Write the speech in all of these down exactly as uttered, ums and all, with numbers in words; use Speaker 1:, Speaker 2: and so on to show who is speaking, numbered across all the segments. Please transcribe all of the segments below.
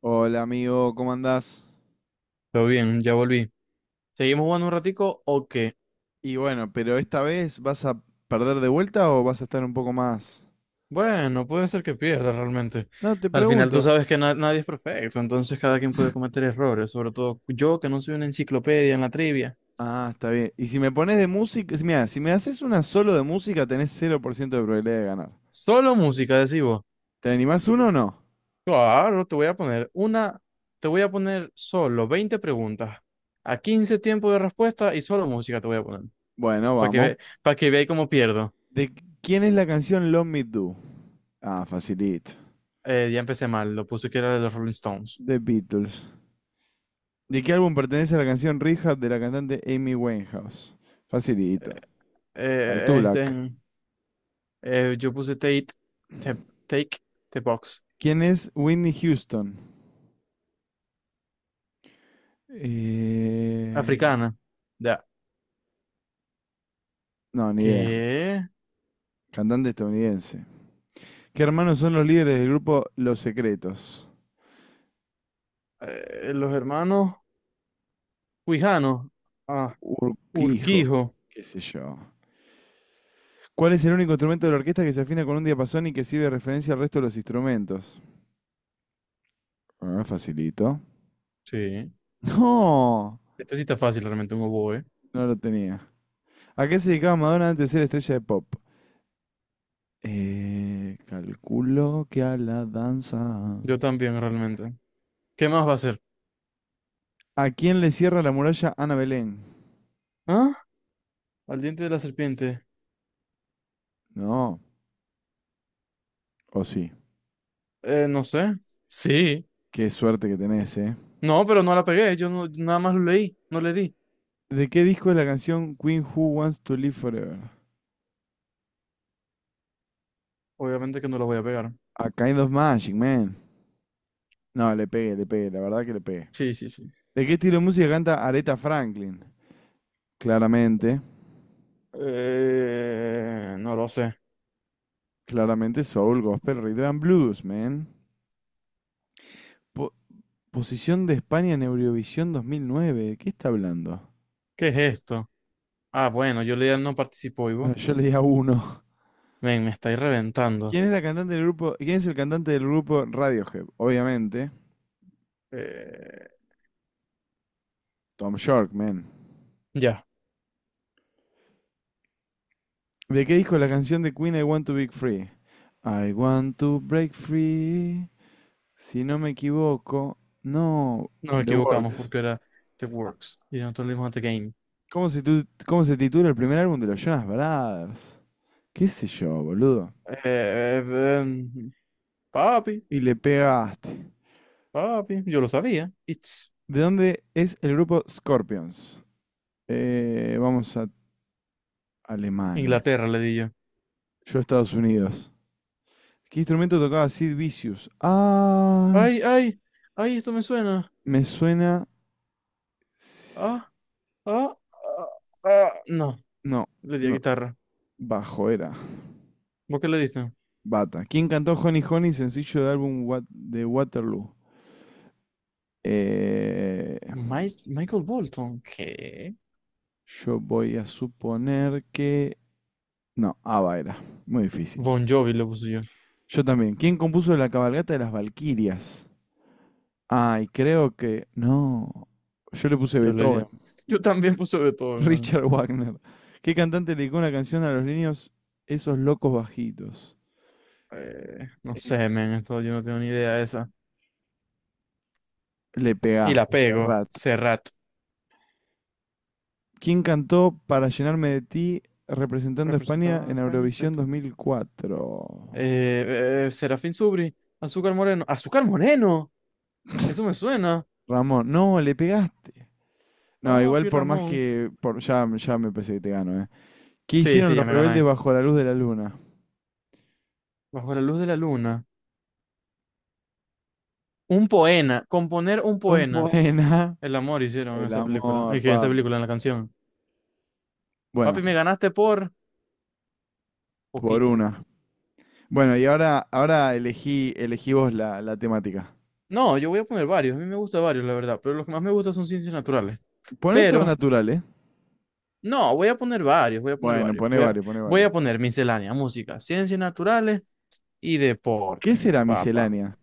Speaker 1: Hola amigo, ¿cómo andás?
Speaker 2: Todo bien, ya volví. ¿Seguimos jugando un ratico o qué?
Speaker 1: Y bueno, pero esta vez vas a perder de vuelta o vas a estar un poco más...
Speaker 2: Bueno, puede ser que pierda realmente.
Speaker 1: No, te
Speaker 2: Al final tú
Speaker 1: pregunto.
Speaker 2: sabes que na- nadie es perfecto, entonces cada quien puede cometer errores, sobre todo yo que no soy una enciclopedia en la trivia.
Speaker 1: Ah, está bien. Y si me pones de música, mira, si me haces una solo de música tenés cero por ciento de probabilidad de ganar.
Speaker 2: Solo música, decimos.
Speaker 1: ¿Te animás uno o no?
Speaker 2: Claro, te voy a poner una, te voy a poner solo veinte preguntas, a quince tiempos de respuesta y solo música te voy a poner,
Speaker 1: Bueno,
Speaker 2: para que
Speaker 1: vamos.
Speaker 2: ve, para que veáis cómo pierdo.
Speaker 1: ¿De qu- ¿Quién es la canción Love Me Do? Ah, facilito.
Speaker 2: Eh, ya empecé mal, lo puse que era de los Rolling Stones.
Speaker 1: The Beatles. ¿De qué álbum pertenece la canción Rehab de la cantante Amy Winehouse?
Speaker 2: Eh,
Speaker 1: Facilito. Back to
Speaker 2: eh,
Speaker 1: Black.
Speaker 2: este, Eh, yo puse Take, te- take the Box,
Speaker 1: ¿Quién es Whitney Houston? Eh,
Speaker 2: africana. Ya.
Speaker 1: no, ni idea.
Speaker 2: ¿Qué?
Speaker 1: Cantante estadounidense. ¿Qué hermanos son los líderes del grupo Los Secretos?
Speaker 2: Eh, los hermanos Huijanos. Ah,
Speaker 1: Urquijo,
Speaker 2: Urquijo.
Speaker 1: qué sé yo. ¿Cuál es el único instrumento de la orquesta que se afina con un diapasón y que sirve de referencia al resto de los instrumentos? Ah, facilito.
Speaker 2: Sí.
Speaker 1: No,
Speaker 2: Esta sí está fácil realmente, un oboe.
Speaker 1: no lo tenía. ¿A qué se dedicaba Madonna antes de ser estrella de pop? Eh, calculo que a la danza.
Speaker 2: Yo también realmente. ¿Qué más va a ser?
Speaker 1: ¿A quién le cierra la muralla Ana Belén?
Speaker 2: ¿Ah? Al diente de la serpiente.
Speaker 1: No, o sí.
Speaker 2: Eh, no sé. Sí.
Speaker 1: Qué suerte que tenés, ¿eh?
Speaker 2: No, pero no la pegué. Yo no, nada más lo leí. No le di.
Speaker 1: ¿De qué disco es la canción Queen Who Wants to Live Forever?
Speaker 2: Obviamente que no la voy a pegar.
Speaker 1: A Kind of Magic, man. No, le pegué, le pegué, la verdad que le pegué.
Speaker 2: Sí, sí, sí.
Speaker 1: ¿De qué estilo de música canta Aretha Franklin? Claramente,
Speaker 2: Eh, no lo sé.
Speaker 1: claramente soul, gospel, rhythm and blues, man. Po- Posición de España en Eurovisión dos mil nueve. ¿De qué está hablando?
Speaker 2: ¿Qué es esto? Ah, bueno, yo leía no participó,
Speaker 1: Bueno,
Speaker 2: Ivo.
Speaker 1: yo le di a uno.
Speaker 2: Men, me estáis reventando.
Speaker 1: ¿Quién es la cantante del grupo? ¿Quién es el cantante del grupo Radiohead? Obviamente,
Speaker 2: Eh,
Speaker 1: Tom York, man.
Speaker 2: ya,
Speaker 1: ¿De qué disco es la canción de Queen I Want to Break Free? I want to break free. Si no me equivoco, no,
Speaker 2: nos
Speaker 1: The
Speaker 2: equivocamos
Speaker 1: Works.
Speaker 2: porque era The Works y nosotros le dimos a The Game.
Speaker 1: ¿Cómo se, tu- ¿cómo se titula el primer álbum de los Jonas Brothers? ¿Qué sé yo, boludo?
Speaker 2: Eh, em, Papi,
Speaker 1: Y le pegaste.
Speaker 2: papi, yo lo sabía. It's
Speaker 1: ¿De dónde es el grupo Scorpions? Eh, vamos a Alemania.
Speaker 2: Inglaterra, le di yo.
Speaker 1: Yo a Estados Unidos. ¿Qué instrumento tocaba Sid Vicious? Ay,
Speaker 2: Ay, ay, ay, esto me suena.
Speaker 1: me suena... s-
Speaker 2: Ah, ah, ah, ah. No,
Speaker 1: No,
Speaker 2: le di a
Speaker 1: no,
Speaker 2: guitarra.
Speaker 1: bajo era.
Speaker 2: ¿Vos qué le diste?
Speaker 1: Bata. ¿Quién cantó Honey Honey, sencillo del álbum Wat- de Waterloo? Eh,
Speaker 2: Mi- Michael Bolton, ¿qué?
Speaker 1: Yo voy a suponer que... No, Ava era. Muy difícil.
Speaker 2: Bon Jovi le puse yo.
Speaker 1: Yo también. ¿Quién compuso la cabalgata de las Valquirias? Ay, creo que... No. Yo le puse
Speaker 2: Yo le di.
Speaker 1: Beethoven.
Speaker 2: Yo también puse Beethoven, man.
Speaker 1: Richard Wagner. ¿Qué cantante le dedicó una canción a los niños esos locos bajitos?
Speaker 2: Eh, no sé, men, esto yo no tengo ni idea de esa.
Speaker 1: Le
Speaker 2: Y la
Speaker 1: pegaste,
Speaker 2: pego.
Speaker 1: Serrat.
Speaker 2: Serrat,
Speaker 1: ¿Quién cantó Para llenarme de ti representando a España
Speaker 2: representado en
Speaker 1: en
Speaker 2: España.
Speaker 1: Eurovisión
Speaker 2: Fíjate.
Speaker 1: dos mil cuatro?
Speaker 2: Eh, eh, Serafín Subri, Azúcar Moreno. ¡Azúcar Moreno! Eso me suena.
Speaker 1: Ramón. No, le pegaste. No, igual
Speaker 2: Papi
Speaker 1: por más
Speaker 2: Ramón.
Speaker 1: que... Por, ya, ya me pensé que te gano, ¿eh? ¿Qué
Speaker 2: Sí,
Speaker 1: hicieron
Speaker 2: sí, ya
Speaker 1: los
Speaker 2: me
Speaker 1: rebeldes
Speaker 2: gané.
Speaker 1: bajo la luz de la luna?
Speaker 2: Bajo la luz de la luna. Un poema. Componer un
Speaker 1: Un
Speaker 2: poema.
Speaker 1: poema.
Speaker 2: El amor hicieron en
Speaker 1: El
Speaker 2: esa película.
Speaker 1: amor,
Speaker 2: Es que en esa
Speaker 1: papi.
Speaker 2: película, en la canción. Papi,
Speaker 1: Bueno,
Speaker 2: me ganaste por
Speaker 1: por
Speaker 2: poquito.
Speaker 1: una. Bueno, y ahora, ahora elegí, elegí vos la, la temática.
Speaker 2: No, yo voy a poner varios. A mí me gustan varios, la verdad. Pero los que más me gustan son ciencias naturales.
Speaker 1: Poné todo
Speaker 2: Pero
Speaker 1: natural, ¿eh?
Speaker 2: no, voy a poner varios, voy a poner
Speaker 1: Bueno,
Speaker 2: varios.
Speaker 1: poné
Speaker 2: Voy a,
Speaker 1: varios, poné
Speaker 2: voy
Speaker 1: varios.
Speaker 2: a poner miscelánea, música, ciencias naturales y
Speaker 1: ¿Qué
Speaker 2: deporte,
Speaker 1: será
Speaker 2: papá.
Speaker 1: miscelánea?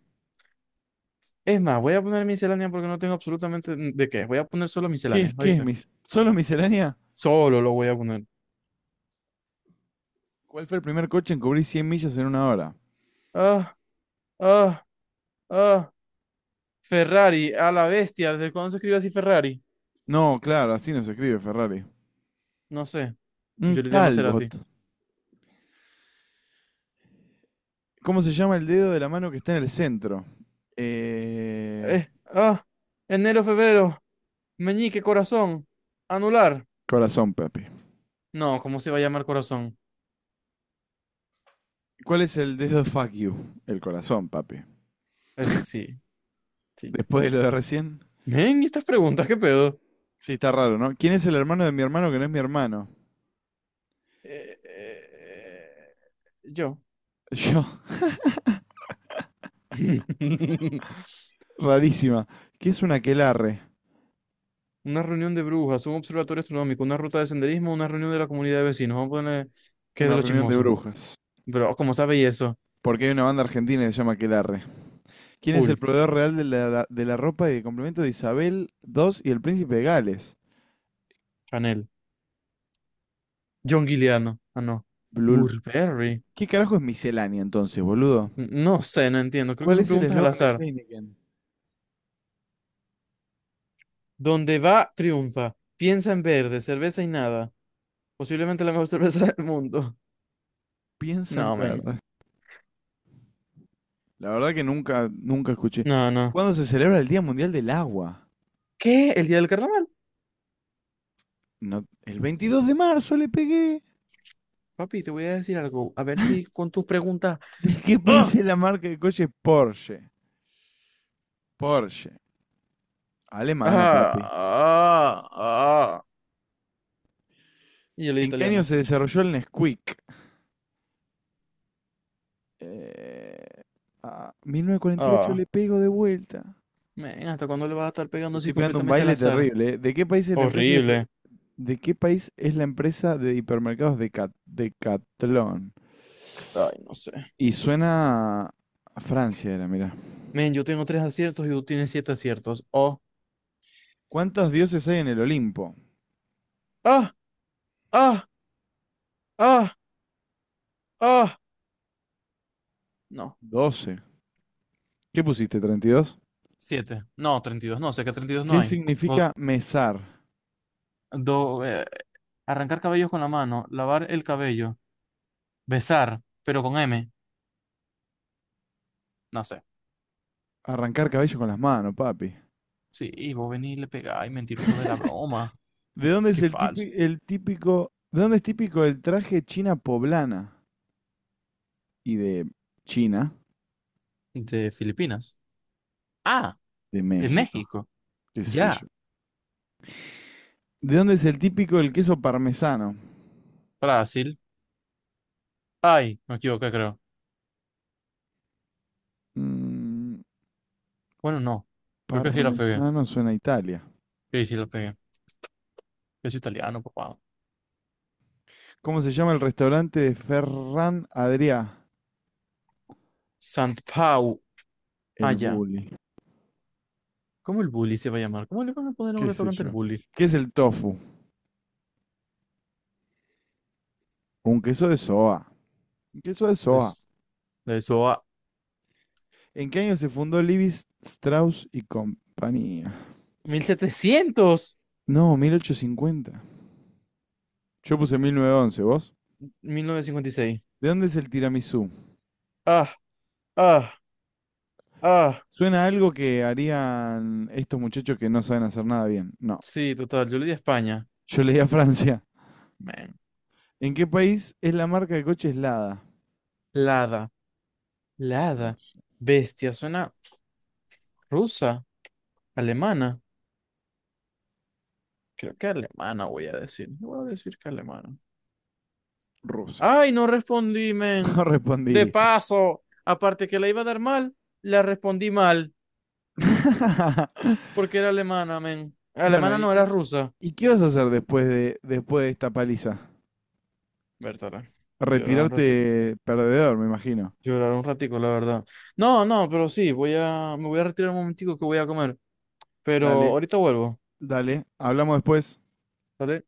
Speaker 2: Es más, voy a poner miscelánea porque no tengo absolutamente de qué. Voy a poner solo
Speaker 1: ¿Qué
Speaker 2: miscelánea,
Speaker 1: es, qué es
Speaker 2: ¿viste?
Speaker 1: mis... ¿Solo miscelánea?
Speaker 2: Solo lo voy a poner.
Speaker 1: ¿Cuál fue el primer coche en cubrir cien millas en una hora?
Speaker 2: Ah, ah, ah. Ferrari, a la bestia. ¿Desde cuándo se escribe así Ferrari?
Speaker 1: No, claro, así no se escribe Ferrari.
Speaker 2: No sé.
Speaker 1: Un
Speaker 2: Yo le di a Maserati.
Speaker 1: Talbot. ¿Cómo se llama el dedo de la mano que está en el centro? Eh...
Speaker 2: Eh, ah, Enero, febrero. Meñique, corazón. Anular.
Speaker 1: Corazón, papi.
Speaker 2: No, ¿cómo se va a llamar corazón?
Speaker 1: ¿Cuál es el dedo fuck you? El corazón, papi.
Speaker 2: Ese sí, sí.
Speaker 1: Después de lo de recién.
Speaker 2: Ven, estas preguntas, ¿qué pedo?
Speaker 1: Sí, está raro, ¿no? ¿Quién es el hermano de mi hermano que no es mi hermano?
Speaker 2: Eh, eh, yo.
Speaker 1: Yo, rarísima. ¿Qué es un aquelarre?
Speaker 2: Una reunión de brujas, un observatorio astronómico, una ruta de senderismo, una reunión de la comunidad de vecinos. Vamos a poner que es
Speaker 1: Una
Speaker 2: de los
Speaker 1: reunión de
Speaker 2: chismosos.
Speaker 1: brujas.
Speaker 2: Pero, ¿cómo sabe y eso?
Speaker 1: Porque hay una banda argentina que se llama Aquelarre. ¿Quién es el
Speaker 2: Cool.
Speaker 1: proveedor real de la, de la ropa y de complemento de Isabel segunda y el príncipe de Gales?
Speaker 2: Chanel. John Guiliano. Ah, no.
Speaker 1: Blul.
Speaker 2: Burberry.
Speaker 1: ¿Qué carajo es miscelánea entonces, boludo?
Speaker 2: N- No sé, no entiendo. Creo que
Speaker 1: ¿Cuál
Speaker 2: son
Speaker 1: es el
Speaker 2: preguntas al
Speaker 1: eslogan de
Speaker 2: azar.
Speaker 1: Heineken?
Speaker 2: Donde va, triunfa. Piensa en verde, cerveza y nada. Posiblemente la mejor cerveza del mundo.
Speaker 1: Piensa en
Speaker 2: No, man.
Speaker 1: verde. La verdad que nunca, nunca escuché.
Speaker 2: No, no.
Speaker 1: ¿Cuándo se celebra el Día Mundial del Agua?
Speaker 2: ¿Qué? ¿El día del carnaval?
Speaker 1: No, el veintidós de marzo le pegué.
Speaker 2: Papi, te voy a decir algo. A ver si con tus preguntas.
Speaker 1: ¿De qué país
Speaker 2: ¡Ah!
Speaker 1: es la marca de coches Porsche? Porsche. Alemana,
Speaker 2: ¡Ah!
Speaker 1: papi.
Speaker 2: ¡Ah! ¡Ah! Y yo le di
Speaker 1: ¿En qué año
Speaker 2: italiana.
Speaker 1: se desarrolló el Nesquik? Eh, ah, Mil novecientos cuarenta y ocho
Speaker 2: ¡Ah!
Speaker 1: le pego de vuelta.
Speaker 2: Men, ¿hasta cuándo le vas a estar
Speaker 1: Le
Speaker 2: pegando así
Speaker 1: estoy pegando un
Speaker 2: completamente al
Speaker 1: baile
Speaker 2: azar?
Speaker 1: terrible, eh. ¿De qué país es la empresa de,
Speaker 2: Horrible.
Speaker 1: ¿de qué país es la empresa de hipermercados de Cat- Decathlon?
Speaker 2: Ay, no sé.
Speaker 1: Y suena a Francia era, mira.
Speaker 2: Men, yo tengo tres aciertos y tú tienes siete aciertos. ¡Oh!
Speaker 1: ¿Cuántos dioses hay en el Olimpo?
Speaker 2: ¡Ah! ¡Ah! ¡Ah! ¡Ah! No.
Speaker 1: Doce. ¿Qué pusiste? Treinta y dos.
Speaker 2: Siete. No, treinta y dos. No, sé que treinta y dos no
Speaker 1: ¿Qué
Speaker 2: hay. Go-
Speaker 1: significa mesar?
Speaker 2: do- eh, Arrancar cabellos con la mano. Lavar el cabello. Besar, pero con M. No sé.
Speaker 1: Arrancar cabello con las manos, papi.
Speaker 2: Sí, y vos venís y le pegáis, mentiroso de la broma.
Speaker 1: ¿De dónde es
Speaker 2: Qué
Speaker 1: el típico,
Speaker 2: falso.
Speaker 1: el típico, ¿de dónde es típico el traje china poblana? Y de China,
Speaker 2: De Filipinas. Ah,
Speaker 1: de
Speaker 2: de
Speaker 1: México,
Speaker 2: México.
Speaker 1: qué sé yo.
Speaker 2: Ya.
Speaker 1: ¿De dónde es el típico el queso parmesano?
Speaker 2: Brasil. Ay, me equivoqué, creo.
Speaker 1: Mm,
Speaker 2: Bueno, no. Creo que sí la pegué.
Speaker 1: parmesano suena a Italia.
Speaker 2: Sí, sí la pegué. Yo soy italiano, papá.
Speaker 1: ¿Cómo se llama el restaurante de Ferran Adrià?
Speaker 2: Sant Pau.
Speaker 1: El
Speaker 2: Allá.
Speaker 1: Bully,
Speaker 2: ¿Cómo el bully se va a llamar? ¿Cómo le van a poner a un
Speaker 1: qué sé
Speaker 2: restaurante el
Speaker 1: yo.
Speaker 2: bully?
Speaker 1: ¿Qué es el tofu? Un queso de soja. Un queso de soja.
Speaker 2: Es de eso a.
Speaker 1: ¿En qué año se fundó Levi Strauss y compañía?
Speaker 2: mil mil setecientos.
Speaker 1: No, mil ochocientos cincuenta. Yo puse mil novecientos once. ¿Vos?
Speaker 2: Mil novecientos cincuenta y seis.
Speaker 1: ¿De dónde es el tiramisú?
Speaker 2: Ah, ah, ah.
Speaker 1: Suena a algo que harían estos muchachos que no saben hacer nada bien. No.
Speaker 2: Sí, total. Yo le di a España.
Speaker 1: Yo leí a Francia.
Speaker 2: Man.
Speaker 1: ¿En qué país es la marca de coches Lada?
Speaker 2: Lada. Lada. Bestia. Suena. Rusa, alemana. Creo que alemana voy a decir. Voy a decir que alemana.
Speaker 1: Rusa.
Speaker 2: Ay, no respondí, men.
Speaker 1: No
Speaker 2: De
Speaker 1: respondiste.
Speaker 2: paso, aparte que la iba a dar mal, la respondí mal, porque era alemana, men.
Speaker 1: Bueno,
Speaker 2: Alemana
Speaker 1: ¿y,
Speaker 2: no
Speaker 1: y-
Speaker 2: era rusa.
Speaker 1: ¿y qué vas a hacer después de, después de esta paliza?
Speaker 2: Bertala, llorar un ratito.
Speaker 1: Retirarte perdedor, me imagino.
Speaker 2: Llorar un ratico, la verdad. No, no, pero sí, voy a, me voy a retirar un momentico que voy a comer. Pero
Speaker 1: Dale,
Speaker 2: ahorita vuelvo,
Speaker 1: dale. Hablamos después.
Speaker 2: ¿vale?